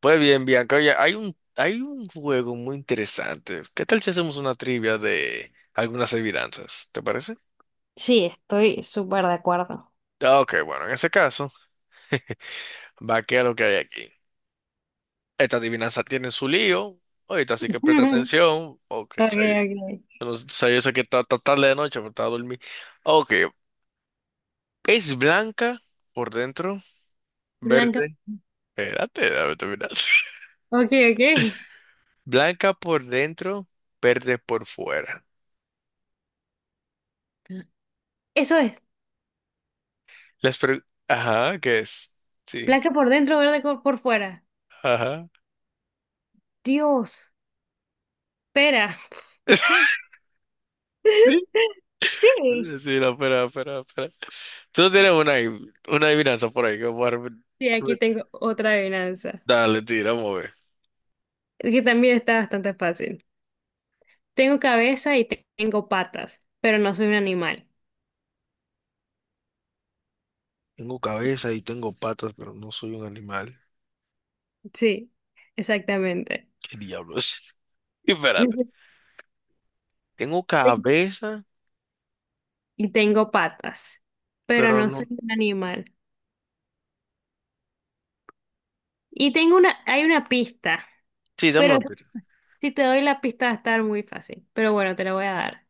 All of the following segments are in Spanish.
Pues bien, Bianca, oye, hay hay un juego muy interesante. ¿Qué tal si hacemos una trivia de algunas adivinanzas? ¿Te parece? Sí, estoy súper de acuerdo. Ah, ok, bueno, en ese caso, va que a lo que hay aquí. Esta adivinanza tiene su lío. Ahorita así que presta atención. Ok, o sea, Okay, okay. yo no sé sí, yo sé que está tarde de noche, pero está a dormir. Ok, es blanca por dentro, Blanca. verde. Espérate, dame terminar. Okay, okay. Blanca por dentro, verde por fuera. Eso es. Las pre- Ajá, ¿qué es? Sí. Blanca por dentro, por fuera. Ajá. Dios, espera. Sí, Sí. sí, no, espera, espera, espera. Tú tienes una adivinanza por ahí que voy a repetir. Sí, aquí tengo otra adivinanza, Dale, tira, vamos a ver. que también está bastante fácil. Tengo cabeza y tengo patas, pero no soy un animal. Tengo cabeza y tengo patas, pero no soy un animal. Sí, exactamente. ¿Qué diablos? Espérate. Tengo cabeza, Y tengo patas, pero pero no soy no. un animal. Y tengo una, hay una pista. Sí, dame Pero una pista. si te doy la pista va a estar muy fácil. Pero bueno, te la voy a dar.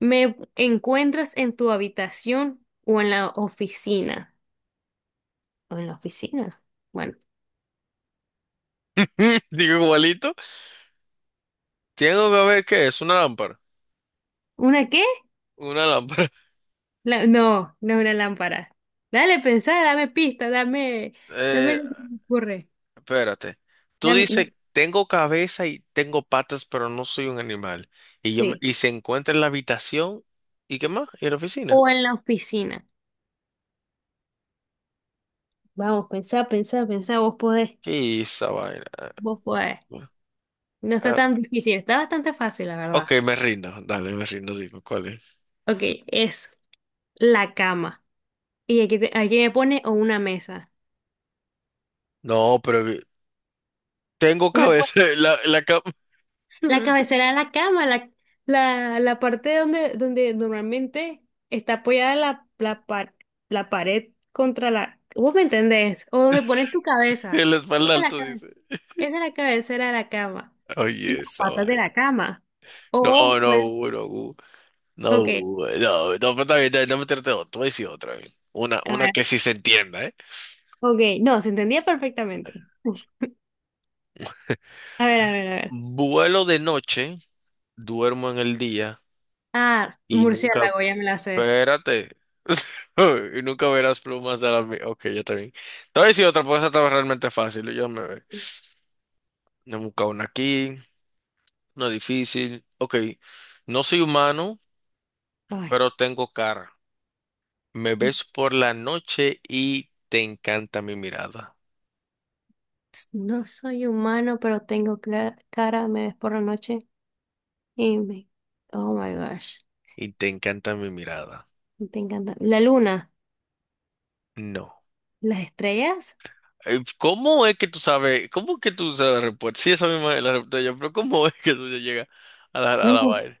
¿Me encuentras en tu habitación o en la oficina? ¿O en la oficina? Bueno. Digo igualito. Tengo cabeza, ¿qué es? Una lámpara. ¿Una qué? Una lámpara. No, no es una lámpara. Dale, pensá, dame pista, dame Eh, lo que se me ocurre. Espérate. Tú No, dices, tengo cabeza y tengo patas, pero no soy un animal. Sí. Y se encuentra en la habitación. ¿Y qué más? ¿Y en la oficina? O en la oficina. Vamos, pensá, pensá, pensá, vos podés, Y esa vaina. Ah, vos podés. No está ah, tan difícil, está bastante fácil, la ok, verdad. me rindo. Dale, me rindo. Dime, ¿cuál es? Ok, es la cama. Y aquí, aquí me pone o una mesa. No, pero que- tengo O sea, pues, cabeza. La cama. la cabecera de la cama, la parte donde, donde normalmente está apoyada la la pared contra la... ¿Vos me entendés? O donde pones tu cabeza. El Esa espalda es alto dice. esa es la cabecera de la cama. Y Oye, las esa patas de vaina. la cama. No, O, no, pues, Hugo, no, Hugo, no, ok, Hugo, no, no, pero está bien, no me trate de otro, voy a decir otra vez. A Una ver, que sí se entienda, ¿eh? ok. No, se entendía perfectamente. A ver, a ver, a ver. Vuelo de noche, duermo en el día Ah, y nunca, murciélago, ya me la sé. espérate, y nunca verás plumas a la mía. Ok, ya está bien. Te voy a decir otra, porque esa estaba realmente fácil. Yo me me he buscado una aquí, una difícil. Ok, no soy humano, Ay. pero tengo cara. Me No, ves por la noche y te encanta mi mirada. no soy humano, pero tengo cara, me ves por la noche y me... Oh my gosh, Y te encanta mi mirada. te encanta. La luna, No. las estrellas, ¿cómo es que tú sabes? ¿Cómo es que tú sabes la respuesta? Sí, esa misma es la respuesta yo, pero ¿cómo es que tú llegas a a la no, vaina?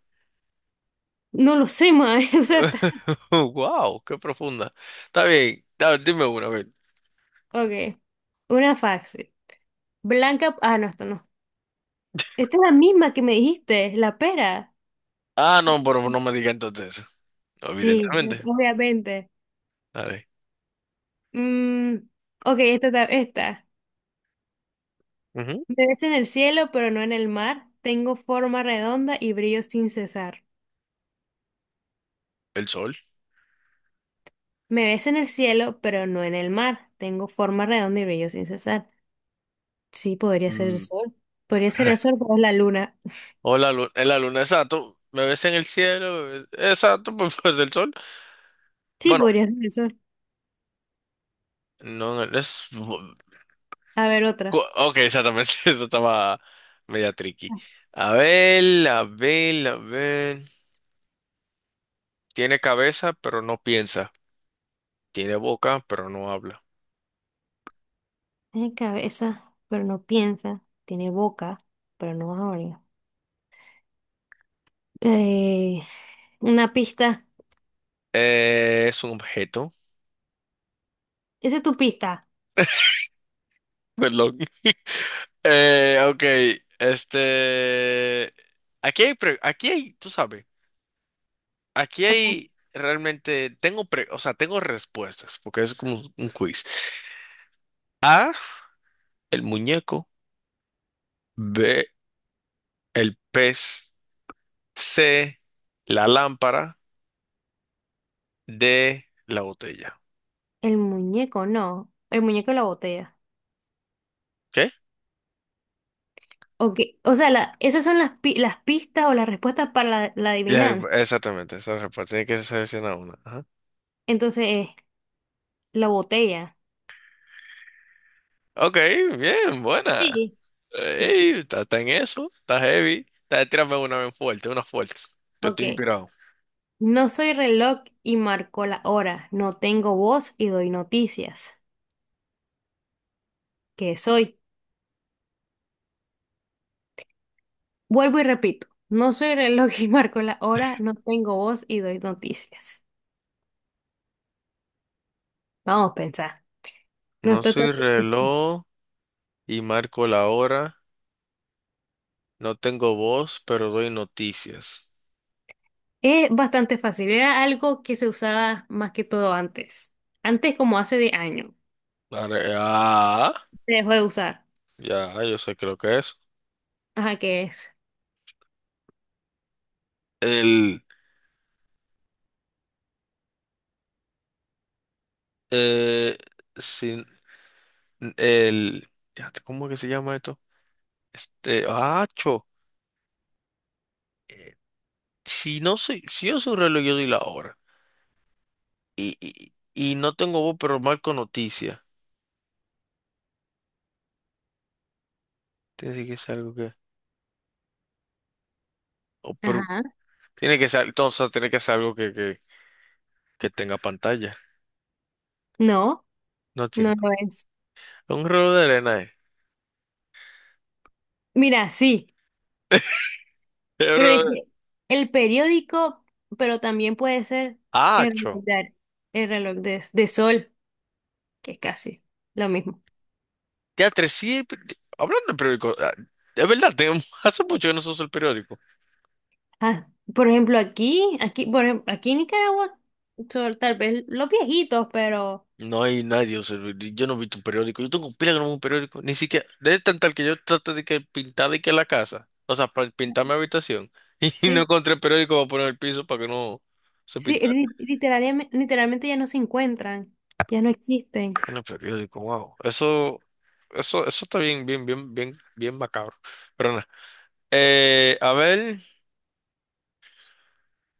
no lo sé, mae. O sea, Wow, qué profunda. Está bien, dime una, a ver. ok, una fax. Blanca, ah, no, esto no. Esta es la misma que me dijiste, la pera. Ah, no, pero no me diga entonces eso. Sí, Evidentemente. obviamente. Dale. Mm, ok, esta. Ujú, Me ves en el cielo, pero no en el mar. Tengo forma redonda y brillo sin cesar. el sol. Me ves en el cielo, pero no en el mar. Tengo forma redonda y brillo sin cesar. Sí, podría ser el Mm. sol. Podría ser el sol, pero es la luna. O la luna, exacto. Me ves en el cielo, me ves- exacto, pues, pues, el sol. Sí, Bueno, podría ser el sol. no, no, es... A ver, otra. Ok, exactamente, eso estaba media tricky. A ver, a ver, a ver. Tiene cabeza, pero no piensa. Tiene boca, pero no habla. Tiene cabeza, pero no piensa. Tiene boca, pero no habla. Eh, una pista. Es un objeto, Esa es tu pista. perdón. Ok, este... aquí hay, tú sabes, aquí hay realmente, o sea, tengo respuestas, porque es como un quiz. A, el muñeco, B, el pez, C, la lámpara, D, la botella. El muñeco, no. El muñeco de la botella. ¿Qué? Ok. O sea, esas son las, las pistas o las respuestas para la adivinanza. Exactamente, esa respuesta tiene que seleccionar una. Ajá. Entonces, es la botella. Ok, bien, buena. Sí. Sí. Ey, está en eso, está heavy. Está, tírame una bien fuerte, una fuerte. Que estoy Ok. inspirado. No soy reloj y marco la hora, no tengo voz y doy noticias. ¿Qué soy? Vuelvo y repito, no soy reloj y marco la hora, no tengo voz y doy noticias. Vamos a pensar. No No está tan soy difícil. reloj y marco la hora. No tengo voz, pero doy noticias. Es bastante fácil, era algo que se usaba más que todo antes. Antes como hace de años. Ah, Se dejó de usar. ya, yo sé, creo que es. Ajá, ¿qué es? El, eh, sin, el, fíjate, ¿cómo que se llama esto? Este, acho, eh, si no soy, si yo soy reloj, yo doy la hora. Y, y, y no tengo voz, pero marco noticias. Tiene que ser algo que, o pero, Ajá. tiene que ser, entonces tiene que ser algo que tenga pantalla. No, No tiene. no lo es. Un reloj de arena, eh. Mira, sí. Pero Pero, dice, el periódico, pero también puede ser ah, el cho. reloj de, el reloj de sol, que es casi lo mismo. Teatro, sí. Hablando de periódico, ah, es verdad, tengo. Hace mucho que no se usa el periódico. Ah, por ejemplo, aquí, aquí, aquí en Nicaragua, son tal vez los viejitos, pero No hay nadie, o sea, yo no he visto un periódico. Yo tengo pila que no veo un periódico. Ni siquiera, es tan tal que yo traté de que pintar de que la casa, o sea, para pintar mi habitación. Y no sí, encontré el periódico para poner el piso para que no se sí, pintara. Literalmente, literalmente ya no se encuentran, ya no existen. En el periódico, wow. Eso está bien, bien, bien, bien, bien macabro. Pero nada. A ver,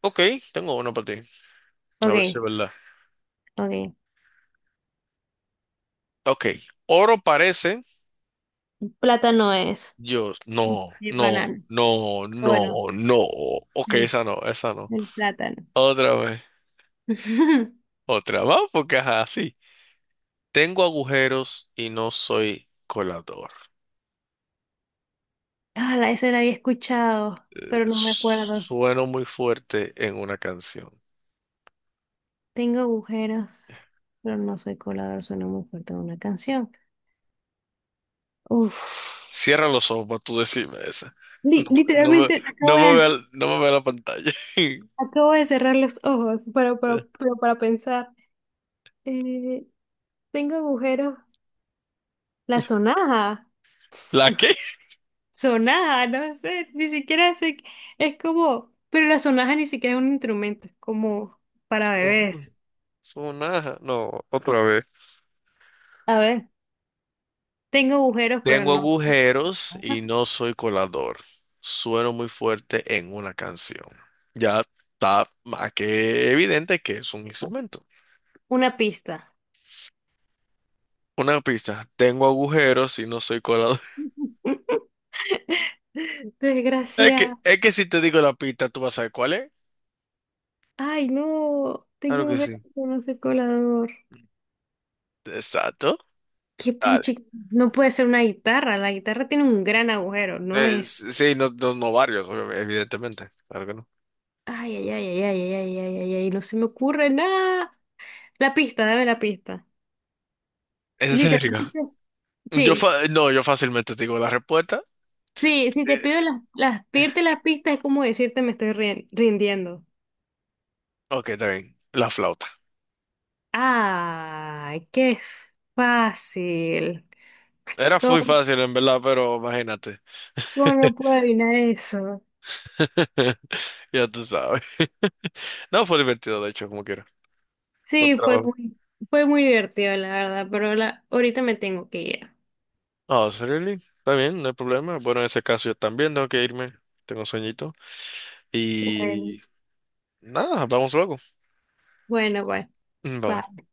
ok, tengo uno para ti. A ver si es Ok, verdad. ok. Ok, oro parece. Plátano es. Yo, no, El no, banano. no, Bueno, no, no. Ok, sí, esa no, esa no. el plátano. Otra vez, otra más, porque ajá, sí. Tengo agujeros y no soy colador. Ah, ese la había escuchado, pero no me acuerdo. Sueno muy fuerte en una canción. Tengo agujeros, pero no soy colador, suena muy fuerte una canción. Uf. Cierra los ojos para tú decirme esa. No, no me, Literalmente no me vea, no me vea la pantalla. acabo de cerrar los ojos para, pero para pensar. Eh, tengo agujeros. La sonaja. ¿La qué? Sonaja, no sé, ni siquiera sé Es como, pero la sonaja ni siquiera es un instrumento, es como para bebés. Sonaja. No, otra vez. A ver, tengo agujeros, pero Tengo no. agujeros y no soy colador. Sueno muy fuerte en una canción. Ya está más que evidente que es un instrumento. Una pista. Una pista. Tengo agujeros y no soy colador. Desgraciada. es que si te digo la pista, ¿tú vas a saber cuál es? Ay, no, tengo Claro que un gato sí. con ese colador. Exacto. Qué Dale. puchi, no puede ser una guitarra. La guitarra tiene un gran agujero, ¿no es? Sí, no, no, no varios, evidentemente. Claro que no. Ay, ay, ay, ay, ay, ay, ay, ay, ay, no se me ocurre nada. La pista, dame la pista. En serio. Literalmente. Sí, No, yo fácilmente te digo la respuesta. Sí, sí, si te eh, pido pedirte las pistas es como decirte me estoy rindiendo. ok, está bien. La flauta. Ay, qué fácil. Era muy ¿Cómo, fácil, en verdad, pero imagínate. cómo no puedo adivinar eso? Ya tú sabes. No, fue divertido, de hecho, como quiera. Buen Sí, trabajo. Fue muy divertido, la verdad, pero la, ahorita me tengo que ir. Ah, ¿really? Está bien, no hay problema. Bueno, en ese caso yo también tengo que irme. Tengo sueñito. Bueno, Y nada, hablamos luego. bueno, pues. Mm, bye. Bye.